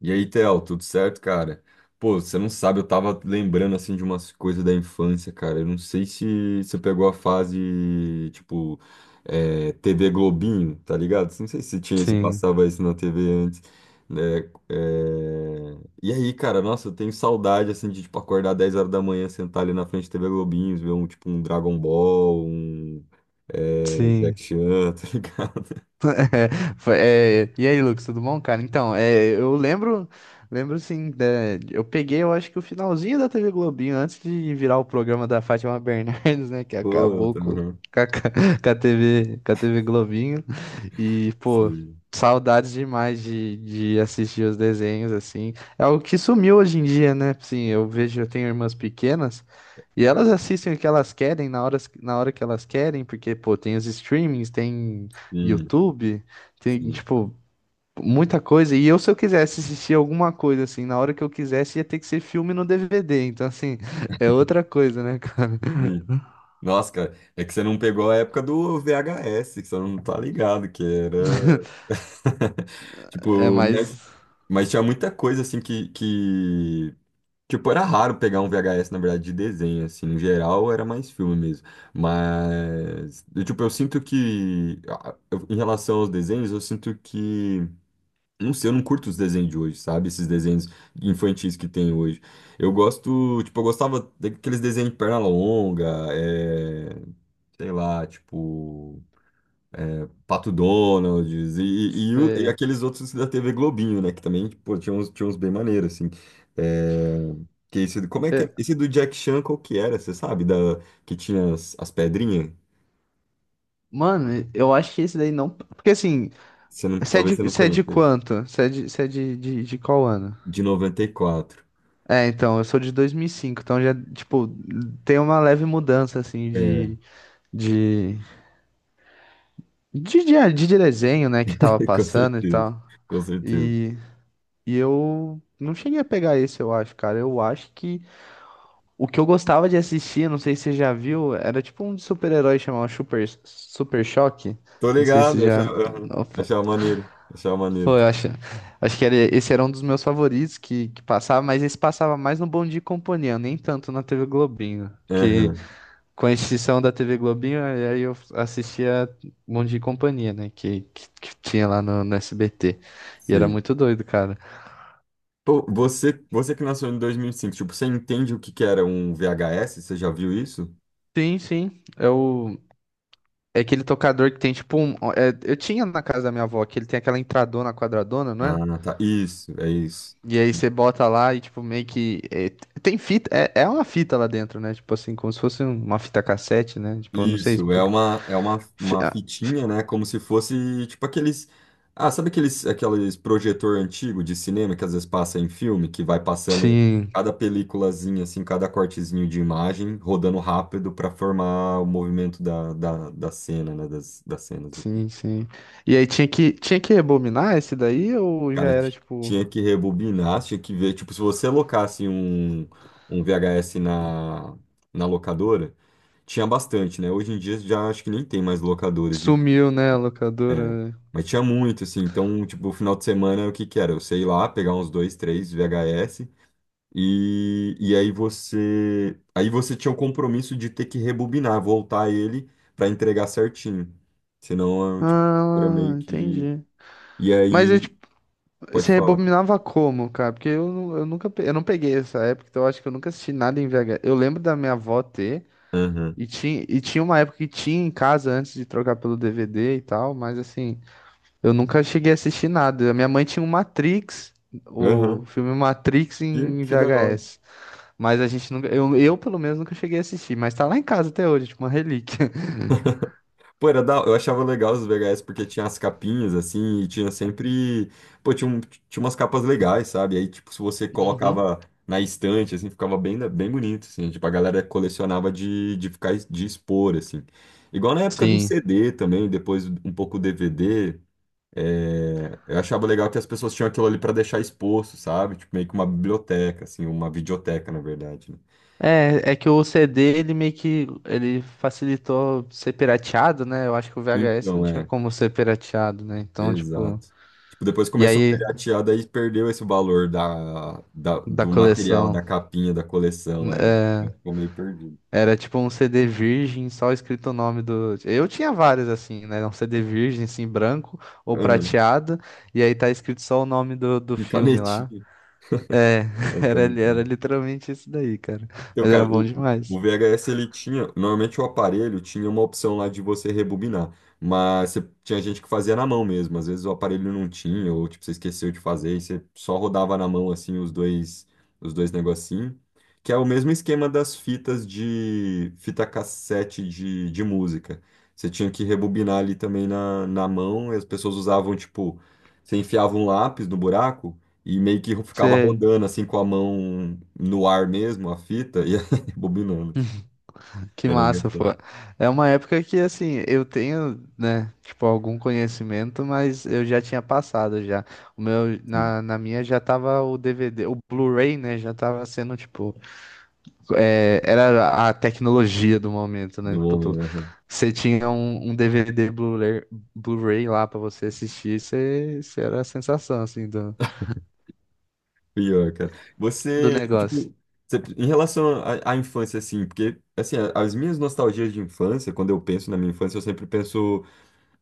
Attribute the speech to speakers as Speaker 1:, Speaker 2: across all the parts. Speaker 1: E aí, Theo, tudo certo, cara? Pô, você não sabe, eu tava lembrando assim de umas coisas da infância, cara. Eu não sei se você pegou a fase, tipo, TV Globinho, tá ligado? Não sei se tinha, se
Speaker 2: Sim,
Speaker 1: passava isso na TV antes, né? É. E aí, cara, nossa, eu tenho saudade assim de tipo acordar 10 horas da manhã, sentar ali na frente da TV Globinho, ver um tipo um Dragon Ball, um
Speaker 2: sim.
Speaker 1: Jack Chan, tá ligado?
Speaker 2: E aí, Lucas, tudo bom, cara? Então, eu lembro assim, eu peguei, eu acho que o finalzinho da TV Globinho, antes de virar o programa da Fátima Bernardes, né, que
Speaker 1: Pô,
Speaker 2: acabou
Speaker 1: tá.
Speaker 2: com a, TV, com a TV Globinho. E, pô,
Speaker 1: Sim,
Speaker 2: saudades demais de assistir os desenhos, assim. É algo que sumiu hoje em dia, né? Assim, eu vejo, eu tenho irmãs pequenas e elas assistem o que elas querem na hora que elas querem, porque, pô, tem os streamings, tem YouTube, tem,
Speaker 1: sim,
Speaker 2: tipo, muita coisa. E eu, se eu quisesse assistir alguma coisa, assim, na hora que eu quisesse, ia ter que ser filme no DVD. Então, assim, é outra coisa, né, cara?
Speaker 1: sim. Nossa, cara, é que você não pegou a época do VHS, que você não tá ligado, que era.
Speaker 2: É
Speaker 1: Tipo,
Speaker 2: mais.
Speaker 1: mas tinha muita coisa, assim, que. Tipo, era raro pegar um VHS, na verdade, de desenho, assim. No geral, era mais filme mesmo. Mas, eu, tipo, eu sinto que. Em relação aos desenhos, eu sinto que. Não sei, eu não curto os desenhos de hoje, sabe? Esses desenhos infantis que tem hoje. Eu gosto. Tipo, eu gostava daqueles desenhos de perna longa, eh, sei lá, tipo, Pato Donald e
Speaker 2: Sei.
Speaker 1: aqueles outros da TV Globinho, né? Que também, pô, tinha uns bem maneiros, assim. É, que esse, como é que é?
Speaker 2: É,
Speaker 1: Esse do Jack Chan, qual que era? Você sabe? Da, que tinha as pedrinhas?
Speaker 2: mano, eu acho que esse daí não. Porque assim,
Speaker 1: Você não, talvez você não
Speaker 2: Você é de
Speaker 1: conheça.
Speaker 2: quanto? Você é de qual ano?
Speaker 1: De 94.
Speaker 2: É, então, eu sou de 2005, então já, tipo, tem uma leve mudança, assim,
Speaker 1: É,
Speaker 2: de, de desenho, né, que tava
Speaker 1: com
Speaker 2: passando e
Speaker 1: certeza.
Speaker 2: tal.
Speaker 1: Com certeza.
Speaker 2: E, e eu não cheguei a pegar esse, eu acho, cara. Eu acho que o que eu gostava de assistir, não sei se você já viu, era tipo um de super-herói chamado Super Choque.
Speaker 1: Tô
Speaker 2: Não sei
Speaker 1: ligado,
Speaker 2: se
Speaker 1: eu
Speaker 2: já.
Speaker 1: achava, aham, achava maneiro. Achava maneiro.
Speaker 2: Pô, acho que era, esse era um dos meus favoritos que passava, mas esse passava mais no Bom Dia e Companhia, nem tanto na TV Globinho. Que
Speaker 1: Aham,
Speaker 2: com a extinção da TV Globinho, aí eu assistia Bom Dia e Companhia, né? Que tinha lá no SBT. E era
Speaker 1: sim.
Speaker 2: muito doido, cara.
Speaker 1: Pô, você que nasceu em 2005, tipo, você entende o que que era um VHS? Você já viu isso?
Speaker 2: Sim, sim. É o. É aquele tocador que tem tipo um. É, eu tinha na casa da minha avó, que ele tem aquela entradona quadradona, não é?
Speaker 1: Ah, tá. Isso, é isso.
Speaker 2: E aí você bota lá e, tipo, meio que. É, tem fita. É, é uma fita lá dentro, né? Tipo assim, como se fosse um, uma fita cassete, né? Tipo, eu não sei
Speaker 1: Isso, é
Speaker 2: explicar.
Speaker 1: uma, é uma,
Speaker 2: Fi-
Speaker 1: uma
Speaker 2: ah, fi-
Speaker 1: fitinha, né? Como se fosse, tipo, aqueles. Ah, sabe aqueles projetor antigo de cinema que às vezes passa em filme, que vai passando
Speaker 2: Sim,
Speaker 1: cada peliculazinha, assim, cada cortezinho de imagem, rodando rápido para formar o movimento da cena, né? Das cenas.
Speaker 2: sim, sim. E aí tinha que rebobinar esse daí ou já
Speaker 1: Cara,
Speaker 2: era, tipo.
Speaker 1: tinha que rebobinar, tinha que ver. Tipo, se você alocasse um VHS na locadora, tinha bastante, né? Hoje em dia já acho que nem tem mais locadoras de.
Speaker 2: Sumiu, né, a
Speaker 1: é,
Speaker 2: locadora? Né?
Speaker 1: mas tinha muito, assim. Então, tipo, o final de semana, o que que era? Eu sei lá, pegar uns dois, três VHS e aí você. Aí você tinha o compromisso de ter que rebobinar, voltar ele pra entregar certinho. Senão, tipo, era meio
Speaker 2: Ah,
Speaker 1: que.
Speaker 2: entendi.
Speaker 1: E
Speaker 2: Mas eu,
Speaker 1: aí.
Speaker 2: tipo,
Speaker 1: Pode
Speaker 2: você
Speaker 1: falar.
Speaker 2: rebobinava como, cara? Porque eu, eu nunca. Eu não peguei essa época, então eu acho que eu nunca assisti nada em VH. Eu lembro da minha avó ter.
Speaker 1: Aham.
Speaker 2: E tinha uma época que tinha em casa antes de trocar pelo DVD e tal, mas assim, eu nunca cheguei a assistir nada. A minha mãe tinha o Matrix, o
Speaker 1: Aham.
Speaker 2: filme Matrix
Speaker 1: Que,
Speaker 2: em
Speaker 1: que da hora.
Speaker 2: VHS, mas a gente nunca, eu pelo menos nunca cheguei a assistir, mas tá lá em casa até hoje, tipo uma relíquia.
Speaker 1: Pô, era da. Eu achava legal os VHS porque tinha as capinhas, assim, e tinha sempre. Pô, tinha umas capas legais, sabe? Aí, tipo, se você
Speaker 2: Uhum.
Speaker 1: colocava na estante, assim, ficava bem, bem bonito, assim. Tipo, a galera colecionava de ficar, de expor, assim. Igual na época do
Speaker 2: Sim.
Speaker 1: CD também, depois um pouco DVD. Eu achava legal que as pessoas tinham aquilo ali pra deixar exposto, sabe? Tipo, meio que uma biblioteca, assim, uma videoteca, na verdade, né?
Speaker 2: É, é que o CD ele meio que ele facilitou ser pirateado, né? Eu acho que o VHS não
Speaker 1: Então,
Speaker 2: tinha
Speaker 1: é.
Speaker 2: como ser pirateado, né? Então, tipo,
Speaker 1: Exato. Tipo, depois
Speaker 2: e
Speaker 1: começou a
Speaker 2: aí
Speaker 1: piratear, daí perdeu esse valor
Speaker 2: da
Speaker 1: do material,
Speaker 2: coleção.
Speaker 1: da capinha, da coleção. É, ficou meio perdido.
Speaker 2: Era tipo um CD virgem, só escrito o nome do. Eu tinha vários assim, né? Um CD virgem, assim, branco ou
Speaker 1: Aham.
Speaker 2: prateado, e aí tá escrito só o nome do
Speaker 1: E
Speaker 2: filme lá.
Speaker 1: canetinha. É, canetinha.
Speaker 2: Era literalmente isso daí, cara.
Speaker 1: Eu,
Speaker 2: Mas era
Speaker 1: cara,
Speaker 2: bom
Speaker 1: o,
Speaker 2: demais.
Speaker 1: o VHS ele tinha. Normalmente o aparelho tinha uma opção lá de você rebobinar. Mas tinha gente que fazia na mão mesmo. Às vezes o aparelho não tinha, ou tipo, você esqueceu de fazer, e você só rodava na mão assim os dois negocinhos. Que é o mesmo esquema das fitas de fita cassete de música. Você tinha que rebobinar ali também na mão, e as pessoas usavam, tipo, você enfiava um lápis no buraco. E meio que ficava
Speaker 2: Sei,
Speaker 1: rodando assim com a mão no ar mesmo, a fita, e bobinando, assim.
Speaker 2: que
Speaker 1: Era
Speaker 2: massa, pô.
Speaker 1: engraçado.
Speaker 2: É uma época que, assim, eu tenho, né, tipo, algum conhecimento, mas eu já tinha passado já. O meu,
Speaker 1: Sim,
Speaker 2: na minha já tava o DVD, o Blu-ray, né, já tava sendo, tipo, é, era a tecnologia do momento, né?
Speaker 1: do
Speaker 2: Tipo,
Speaker 1: homem, né?
Speaker 2: você tinha um, um DVD Blu-ray lá pra você assistir, você era a sensação, assim, do,
Speaker 1: Pior, cara.
Speaker 2: do
Speaker 1: Você,
Speaker 2: negócio.
Speaker 1: tipo, em relação à infância, assim, porque, assim, as minhas nostalgias de infância, quando eu penso na minha infância, eu sempre penso,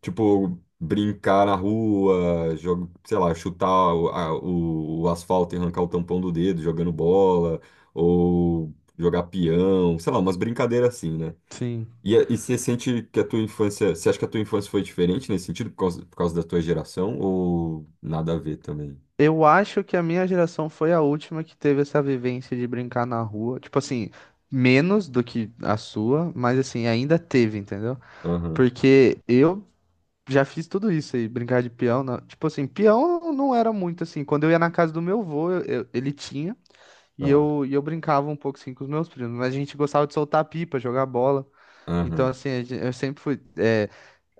Speaker 1: tipo, brincar na rua, jogo, sei lá, chutar o asfalto e arrancar o tampão do dedo, jogando bola, ou jogar peão, sei lá, umas brincadeiras assim, né?
Speaker 2: Sim.
Speaker 1: E você sente que a tua infância, você acha que a tua infância foi diferente nesse sentido, por causa da tua geração, ou nada a ver também?
Speaker 2: Eu acho que a minha geração foi a última que teve essa vivência de brincar na rua. Tipo assim, menos do que a sua, mas assim, ainda teve, entendeu?
Speaker 1: Aham,
Speaker 2: Porque eu já fiz tudo isso aí, brincar de peão. Tipo assim, peão não era muito assim. Quando eu ia na casa do meu avô, ele tinha. E
Speaker 1: tá.
Speaker 2: eu, e eu brincava um pouco assim com os meus primos, mas a gente gostava de soltar pipa, jogar bola. Então,
Speaker 1: Aham.
Speaker 2: assim, eu sempre fui. É,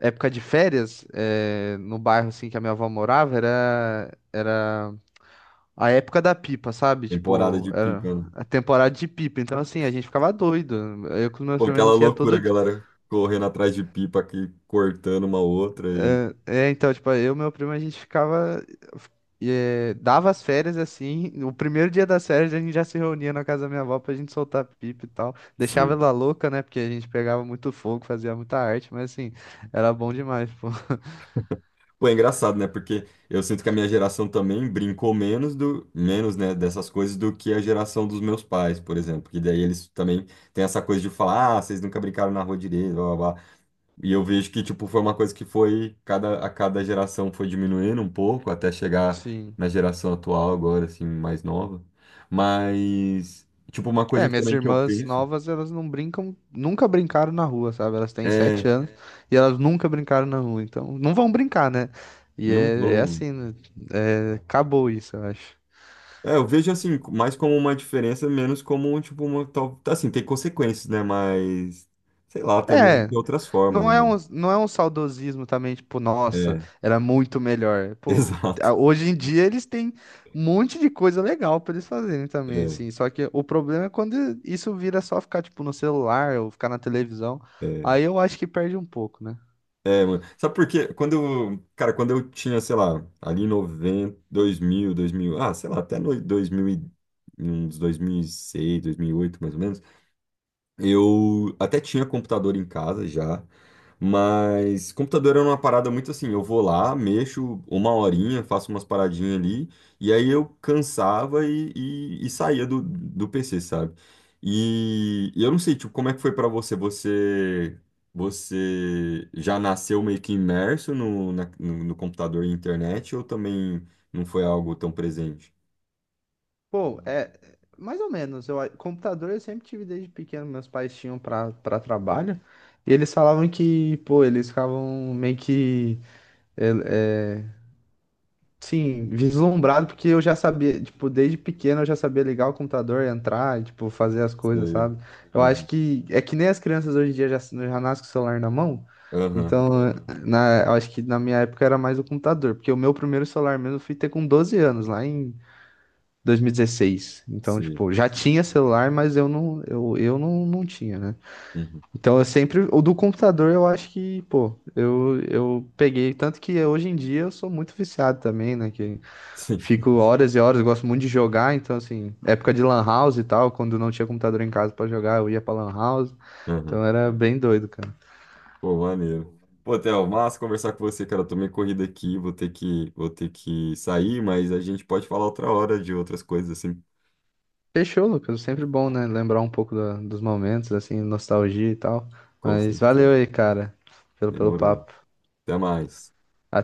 Speaker 2: época de férias, é, no bairro assim que a minha avó morava, era a época da pipa, sabe?
Speaker 1: Temporada
Speaker 2: Tipo,
Speaker 1: de
Speaker 2: era
Speaker 1: pipa, né?
Speaker 2: a temporada de pipa. Então, assim, a gente ficava doido. Eu com os meus
Speaker 1: Pô,
Speaker 2: primos, a
Speaker 1: aquela
Speaker 2: gente ia todo,
Speaker 1: loucura, galera correndo atrás de pipa aqui, cortando uma outra e.
Speaker 2: Então, tipo, eu e meu primo, a gente ficava. Eh, dava as férias assim. O primeiro dia das férias a gente já se reunia na casa da minha avó pra gente soltar pipa e tal. Deixava
Speaker 1: Sim.
Speaker 2: ela louca, né? Porque a gente pegava muito fogo, fazia muita arte, mas assim, era bom demais, pô.
Speaker 1: Pô, é engraçado, né? Porque eu sinto que a minha geração também brincou menos do, menos, né, dessas coisas do que a geração dos meus pais, por exemplo. Que daí eles também têm essa coisa de falar, ah, vocês nunca brincaram na rua direito, blá, blá, blá. E eu vejo que, tipo, foi uma coisa que foi, a cada geração foi diminuindo um pouco, até chegar
Speaker 2: Sim.
Speaker 1: na geração atual agora, assim, mais nova. Mas, tipo, uma coisa
Speaker 2: É,
Speaker 1: que
Speaker 2: minhas
Speaker 1: também que eu
Speaker 2: irmãs
Speaker 1: penso
Speaker 2: novas, elas não brincam, nunca brincaram na rua, sabe? Elas têm sete
Speaker 1: é,
Speaker 2: anos e elas nunca brincaram na rua, então não vão brincar, né? E
Speaker 1: não
Speaker 2: é, é
Speaker 1: vão.
Speaker 2: assim, né? É, acabou isso, eu acho.
Speaker 1: É, eu vejo, assim, mais como uma diferença, menos como, tipo, uma tal. Assim, tem consequências, né? Mas, sei lá, também
Speaker 2: É,
Speaker 1: tem outras formas, né?
Speaker 2: não é um saudosismo também, tipo, nossa,
Speaker 1: É,
Speaker 2: era muito melhor. Pô,
Speaker 1: exato.
Speaker 2: hoje em dia eles têm um monte de coisa legal pra eles fazerem também,
Speaker 1: É.
Speaker 2: assim. Só que o problema é quando isso vira só ficar, tipo, no celular ou ficar na televisão.
Speaker 1: É.
Speaker 2: Aí eu acho que perde um pouco, né?
Speaker 1: É, mano. Sabe por quê? Quando eu, cara, quando eu tinha, sei lá, ali em noventa, dois mil, sei lá, até no 2000, uns 2006, oito mais ou menos. Eu até tinha computador em casa já, mas computador era uma parada muito assim, eu vou lá, mexo uma horinha, faço umas paradinhas ali, e aí eu cansava e saía do PC, sabe? E eu não sei, tipo, como é que foi pra você? Você já nasceu meio que imerso no computador e internet, ou também não foi algo tão presente?
Speaker 2: Pô, é mais ou menos. Eu, computador eu sempre tive desde pequeno. Meus pais tinham pra para trabalho. E eles falavam que, pô, eles ficavam meio que Sim, vislumbrado, porque eu já sabia, tipo, desde pequeno eu já sabia ligar o computador, entrar, e, tipo, fazer as coisas,
Speaker 1: Sei.
Speaker 2: sabe? Eu acho
Speaker 1: Aham,
Speaker 2: que é que nem as crianças hoje em dia já nascem com o celular na mão.
Speaker 1: aham.
Speaker 2: Então, eu acho que na minha época era mais o computador, porque o meu primeiro celular mesmo eu fui ter com 12 anos, lá em 2016. Então,
Speaker 1: Sei.
Speaker 2: tipo, já tinha celular, mas eu não tinha, né?
Speaker 1: Uhum.
Speaker 2: Então, eu sempre, o do computador eu acho que, pô, eu peguei, tanto que hoje em dia eu sou muito viciado também, né? Que fico horas e horas, eu gosto muito de jogar, então assim, época de lan house e tal, quando não tinha computador em casa pra jogar, eu ia pra lan house, então
Speaker 1: Sim.
Speaker 2: era bem doido, cara.
Speaker 1: Pô, maneiro. Pô, Theo, massa conversar com você, cara. Eu tomei corrida aqui, vou ter que sair, mas a gente pode falar outra hora de outras coisas assim,
Speaker 2: Fechou, Lucas, sempre bom, né, lembrar um pouco dos momentos, assim, nostalgia e tal,
Speaker 1: com
Speaker 2: mas
Speaker 1: certeza.
Speaker 2: valeu aí, cara, pelo
Speaker 1: Demorou.
Speaker 2: papo.
Speaker 1: Até mais.